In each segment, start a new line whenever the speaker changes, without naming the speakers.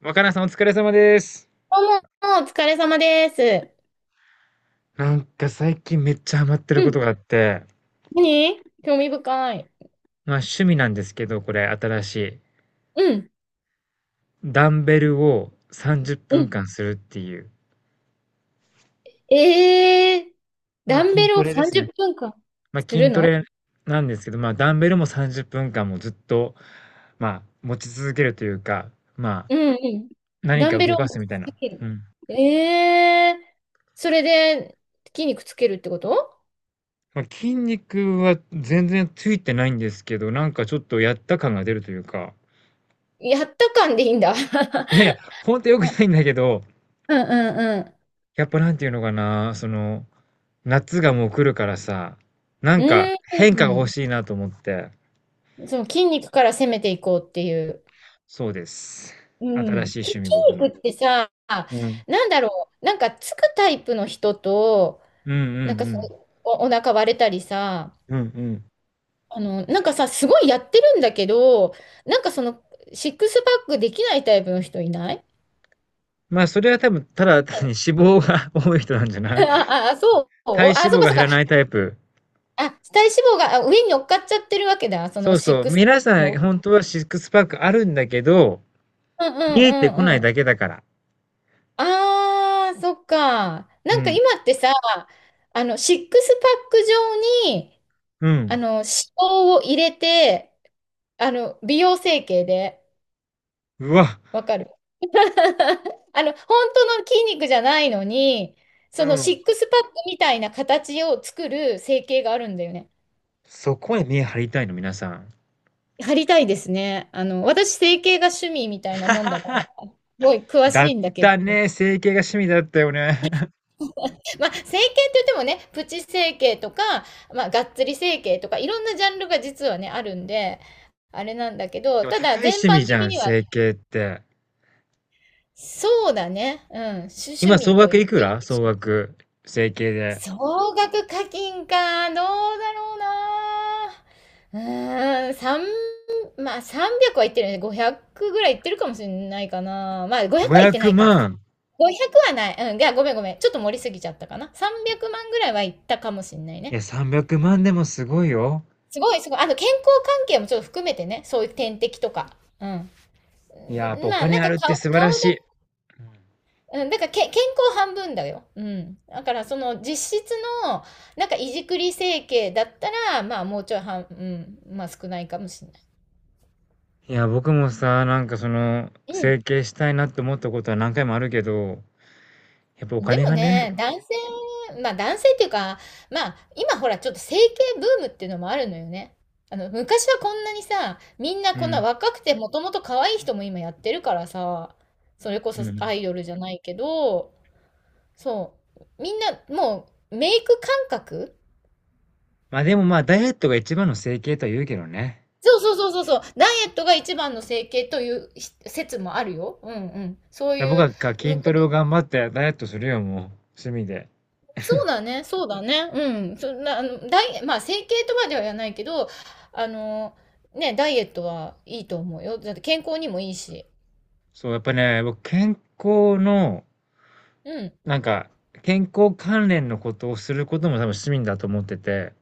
若菜さんお疲れ様です。
どうも、お疲れ様です。
なんか最近めっちゃハマってる
う
こ
ん、
とがあって、
何、興味深い。
趣味なんですけど、これ新しい。
うん、
ダンベルを30
う
分
ん。
間するっていう。
ええー、ダン
筋
ベル
ト
を
レです
30
ね。
分間する
筋ト
の？
レなんですけど、ダンベルも30分間もずっと、持ち続けるというか、まあ
うん、うん。
何
ダ
か
ンベ
動
ルを
かす
持ち
みたいな。
続け
う
る。
ん。
ええー、それで筋肉つけるってこと？
筋肉は全然ついてないんですけど、なんかちょっとやった感が出るというか、
やった感でいいんだ。
いやいや、ほ んと良く
あ、
ないんだけど、
うんうん
やっぱなんていうのかな、夏がもう来るからさ、な
う
んか
ん。
変
う
化が欲
ん。
しいなと思って。
うん。その筋肉から攻めていこうっていう。
そうです。
う
新
ん。
しい
き
趣
筋
味僕の。
肉ってさ、
うん。
なんだろう、なんかつくタイプの人と、
うんうん
なんか
う
さ、
ん。
お腹割れたりさ、
うんうん。
あの、なんかさ、すごいやってるんだけど、なんかその、シックスパックできないタイプの人いない？
それは多分ただ単に 脂肪が 多い人なんじゃない？体脂
そう
肪
か
が
そう
減
か。
らないタイプ。
あ、体脂肪が上に乗っかっちゃってるわけだ。そ
そ
の
う
シッ
そう、
クスパ
皆
ック
さん
も。
本当はシックスパックあるんだけど、
うんう
見
ん
えてこ
う
な
ん
い
うん。
だけだから。
ああ、そっか。
う
なんか
ん。
今ってさ、あの、シックスパック状に、
う
あ
ん。
の、脂肪を入れて、あの、美容整形で。
うわ、
わかる。あの、本当の筋肉じゃないのに、
う
そのシ
ん。
ックスパックみたいな形を作る整形があるんだよね。
そこへ目張りたいの、皆さん。
貼りたいですね。あの、私、整形が趣味みたいなもんだから、すごい詳し
だっ
いんだけれ
た
ど。
ね。整形が趣味だったよね。
まあ、整形って言ってもね、プチ整形とか、まあ、がっつり整形とか、いろんなジャンルが実はね、あるんで、あれなんだけど、
でも
た
高
だ、
い
全
趣味
般
じゃ
的
ん、
には、
整形って。
そうだね。うん、趣趣
今、総
味と
額
言っ
いく
ていい
ら
で
総
しょう。
額。整形で。
総額課金か、どうだろうな。うーん、まあ300はいってるよね。500ぐらいいってるかもしれないかな。まあ500はいっ
500
てないか。
万。
500はない。うん、いや、ごめん。ちょっと盛りすぎちゃったかな。300万ぐらいはいったかもしれない
い
ね。
や、300万でもすごいよ。
すごい。あと健康関係もちょっと含めてね。そういう点滴とか。うん。う
いや、やっぱ
ん、
お
まあな
金
ん
あ
か
るって
顔、
素晴ら
顔だ、
し
うん、だから健康半分だよ。うん。だからその実質の、なんかいじくり整形だったら、まあもうちょいうん、まあ少ないかもしれない。
い。いや、僕もさ、整形したいなって思ったことは何回もあるけど、やっぱお
うん。で
金
も
がね。
ね、男性、まあ男性っていうか、まあ今ほらちょっと整形ブームっていうのもあるのよね。あの、昔はこんなにさ、みんな
う
こんな
ん。
若くてもともと可愛い人も今やってるからさ、それこ
う
そ
ん。
アイドルじゃないけど、そう。みんなもうメイク感覚、
まあでもまあ、ダイエットが一番の整形とは言うけどね。
そうそうそうそうそう。ダイエットが一番の整形という説もあるよ。うんうん。そうい
僕
う、
は筋
う
ト
こ
レを
と。
頑張ってダイエットするよ、もう。趣味で。
そうだね、そうだね。うん。そんな、あの、ダイエまあ、整形とまでは言わないけど、あの、ね、ダイエットはいいと思うよ。だって健康にもいいし。
そう、やっぱね、僕、康の、
うん。
なんか、健康関連のことをすることも多分趣味だと思ってて、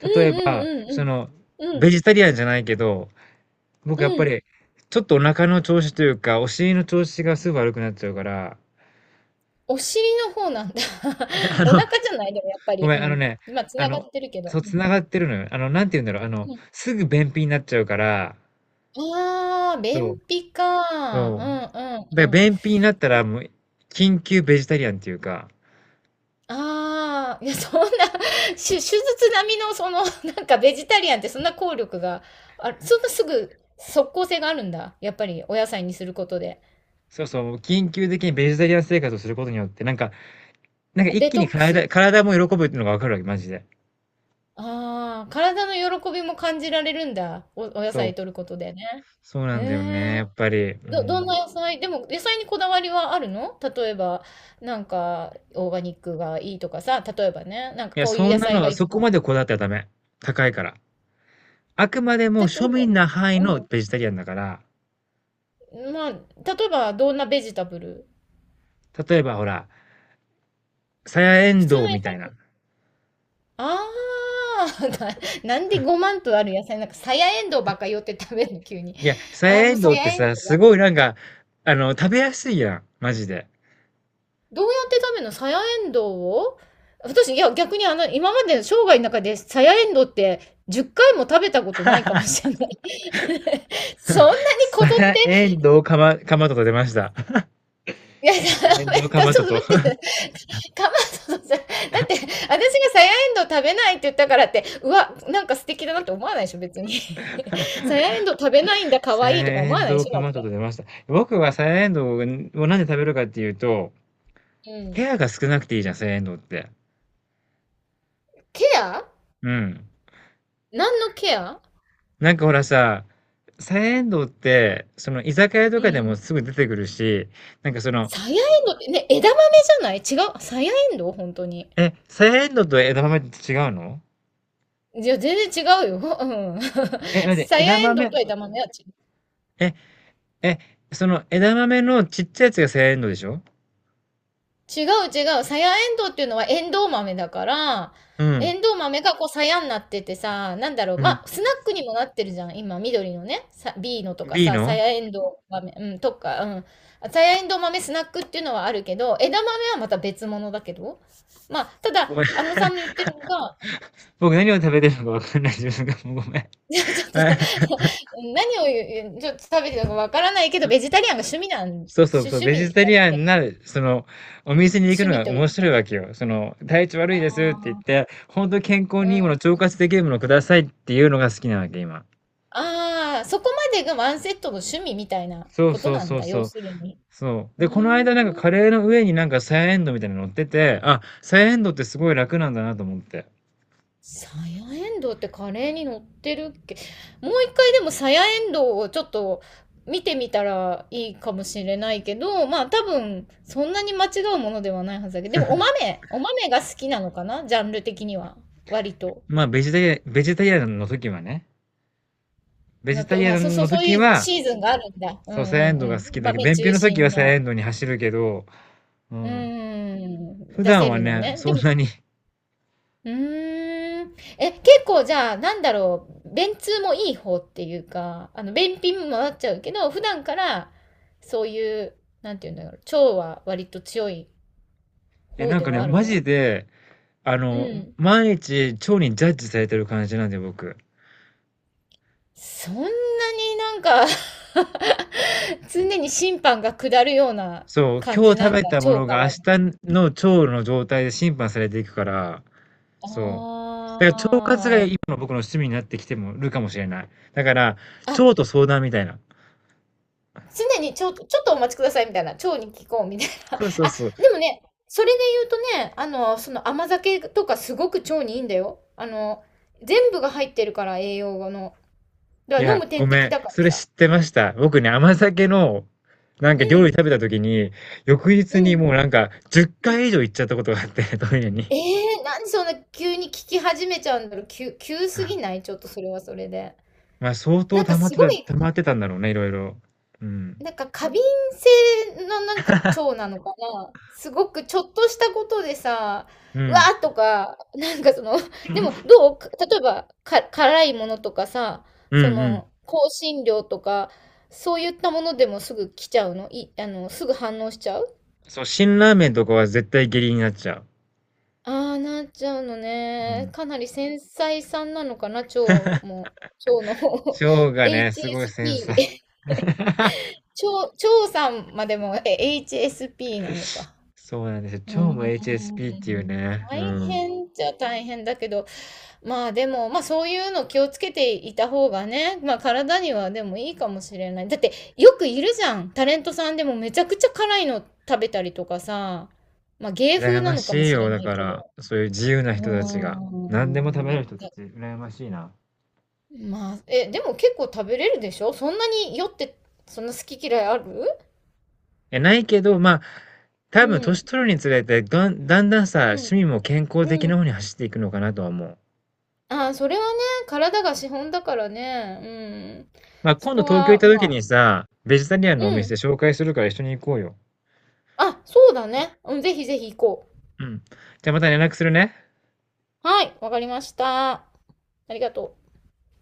うん
例えば、
うんう
そ
ん
の、
うん。う
ベ
ん。
ジタリアンじゃないけど、
う
僕やっぱ
ん。
り、ちょっとお腹の調子というか、お尻の調子がすぐ悪くなっちゃうから、
お尻の方なんだ。
いやあ
お
の、
腹じゃないでもやっぱ
ご
り。
め
う
ん、
ん。今つ
あ
なが
の、
ってるけど。
そう、
う
つ
ん。
ながってるのよ。なんて言うんだろう、
うん。
すぐ便秘になっちゃうから、
ああ、
そう、
便秘か。う
そう。
んう
だから
んうん。
便秘になったら、もう、緊急ベジタリアンっていうか、
ああ、いや、そんな、手術並みの、その、なんか、ベジタリアンってそんな効力が、あそんなすぐ、即効性があるんだ。やっぱり、お野菜にすることで。
そうそう、緊急的にベジタリアン生活をすることによって、なんか一
デ
気
ト
に
ックス。
体も喜ぶっていうのがわかるわけ、マジで。
ああ、体の喜びも感じられるんだ。お野
そう。
菜摂ることでね。
そうな
え
んだよね、や
え、
っぱり。う
ど、どん
ん。
な野菜でも、野菜にこだわりはあるの？例えば、なんか、オーガニックがいいとかさ、例えばね、なんか
いや、
こうい
そ
う
ん
野
な
菜が
の、そ
一
こ
番。
までこだわってはダメ。高いから。あくまで
例
も
え
庶
ば、
民な範囲の
う
ベジタリアンだから、
ん。まあ、例えば、どんなベジタブル、
例えばほら、さやえん
普通
どう
の野
みたいな。
菜。ああ、なんで5万とある野菜、なんかさやえんどうばっか寄って食べるの、急に。
いや、さ
あー、
や
も
え
う
ん
さ
どうっ
や
て
えん
さ、
どう
す
だ。
ごいなんか、あの、食べやすいやん、マジで。
どうやって食べるのさやえんどうを、私、いや、逆にあの、今までの生涯の中でさやえんどうって10回も食べたことないかもしれない。そんなに
さ
こぞっ
や
て、
えんどうかまとと出ました。
いや、ダ
さやえん
メ
どうか
だ、
ま
そ
と
う、
と。
待って、かまそさだって、私がさやえんどう食べないって言ったからって、うわ、なんか素敵だなって思わないでしょ、別に。さやえんどう食べないんだ、可
サヤ
愛いとか思
エ
わ
ン
ないで
ドウ
しょ、
カ
だ
マ
っ
トと
て。
出ました。僕はサヤエンドウをなんで食べるかっていうと、
うん。
ケアが少なくていいじゃん、サヤエンドウって。
ケア？
うん。
何のケア？
なんかほらさ、サヤエンドウって、その居酒屋と
う
かでも
ん。
すぐ出てくるし、なんかその、
さやえんどうってね、枝豆じゃない？違う。さやえんどう本当に。
え、サヤエンドウと枝豆って違うの？
いや、全然違うよ。うん。
え、待って、
さや
枝
えんどう
豆、
と枝豆は違う。
え、え、その枝豆のちっちゃいやつがサヤエンドウでしょ？
違う、違う。さやえんどうっていうのはエンドウ豆だから、
う
エ
ん。
ンドウ豆がこうさやになっててさ、なんだろう。
うん。
まあ、スナックにもなってるじゃん。今、緑のね、さ、B のとか
B
さ、さ
の
やえんどう豆、うん、とか、うん。さやえんどう豆スナックっていうのはあるけど、枝豆はまた別物だけど。まあ、ただ、
ごめん。
あのさんの言ってるのが、
僕何を食べてるのかわかんない自分がもうごめん。
いやちょっとさ、何を言う、ちょっと食べてたかわからないけど、ベジタリアンが
そうそうそう、
趣
ベジ
味だ
タリ
っ
ア
け？
ンな、その、お店に行く
趣
の
味
が
とい
面
う
白い
か、
わけよ。その、体調悪いですって言っ
あ
て、本当に健康
う
にいいもの、
ん。
腸活できるものくださいっていうのが好きなわけ、今。
ああ、そこまでがワンセットの趣味みたいな
そう
こと
そう
なん
そう
だ、要
そう。
するに。
そう。
う
で、この
ーん。
間なんかカレーの上になんかサヤエンドウみたいなの乗ってて、あ、サヤエンドウってすごい楽なんだなと思って。
サヤエンドウってカレーに乗ってるっけ？もう一回でもサヤエンドウをちょっと見てみたらいいかもしれないけど、まあ多分そんなに間違うものではないはずだけど、でもお豆が好きなのかなジャンル的には。割と。
ベジタリアンの時はね。ベジ
の
タリ
と、
ア
あ、そう
ン
そ
の
う、そう
時
いう
は、
シーズンがあるんだ。うんう
そう、サヤエン
ん
ドウが好
うん。
きだけど、
豆
便秘
中
の時は
心
サヤエ
の。
ンドウに走るけど、う
う
ん。
ーん。
普
出せ
段は
るの
ね、
ね。で
そん
も、
なに。
うーん。え、結構じゃあ、なんだろう、便通もいい方っていうか、あの、便秘もなっちゃうけど、普段から、そういう、なんていうんだろう、腸は割と強い
え、
方
なん
で
かね、
はある
マジ
の？
で、あ
う
の、
ん。
毎日腸にジャッジされてる感じなんで、僕。
そんなになんか、 常に審判が下るような
そう、
感
今
じ
日食
なん
べ
だ、
たも
腸
の
か
が明
ら。
日の腸の状態で審判されていくから、そう。だから腸活が
あ
今の僕の趣味になってきてもるかもしれない。だから、
あ。あ、
腸と相談みたいな。
常にちょっとお待ちくださいみたいな、腸に聞こうみたい
そうそう
な。あ、
そう。
でもね、それで言うとね、あの、その甘酒とかすごく腸にいいんだよ。あの、全部が入ってるから栄養の。だ
い
から飲
や、
む
ご
点
め
滴
ん。
だから
それ
さ。
知ってました。僕ね、甘酒の、なんか
う
料理
ん、
食べた時に、翌
う
日に
ん。
もうなんか10回以上行っちゃったことがあって、トイレに。
えー、なんでそんな急に聞き始めちゃうんだろう。急すぎな いちょっとそれはそれで。
まあ相当
なんかすごい、
溜まってたんだろうね、いろいろ。うん。
なんか過敏性のなんか腸なのかな。すごくちょっとしたことでさ、
う
「うわ！」
ん。
とか、なんかその、でもどう？例えば、辛いものとかさ、
う
そ
んうん。
の、香辛料とか、そういったものでもすぐ来ちゃうの？いあの、すぐ反応しちゃう？
そう、辛ラーメンとかは絶対下痢になっちゃう。
ああ、なっちゃうの
う
ね。
ん。
かなり繊細さんなのかな、腸も。腸の方
腸 が
エイ
ね、
チ
す
エ
ごい
ス
繊
ピ
細。
ー。HSP。ち腸さんまでも、え、HSP なのか。
そうなんです
うー
よ。腸も HSP っ
ん、
ていうね。う
大
ん。
変じちゃ大変だけど、まあでも、まあそういうの気をつけていた方がね、まあ体にはでもいいかもしれない。だってよくいるじゃん。タレントさんでもめちゃくちゃ辛いの食べたりとかさ、まあ芸風
羨
な
ま
のかも
しい
しれ
よ。だ
ない
か
け
ら、
ど。
そういう自由な
うー
人たちが。何でも食べれる
ん。
人たち、羨ましいな。
まあ、え、でも結構食べれるでしょそんなに酔って、そんな好き嫌いある？
え、ないけど、まあ、
う
多分年
ん。
取るにつれて、だんだんだんさ、
うん。
趣味も健康的
う
な
ん。
方に走っていくのかなとは思う。
ああ、それはね、体が資本だからね。うん。
まあ、
そ
今度
こ
東京行っ
は、
た
ま
時
あ、
にさ、ベジタリアンのお
うん。
店紹介するから一緒に行こうよ。
あ、そうだね。うん、ぜひぜひ行こ
うん。じゃあまた連絡するね。
う。はい、わかりました。ありがとう。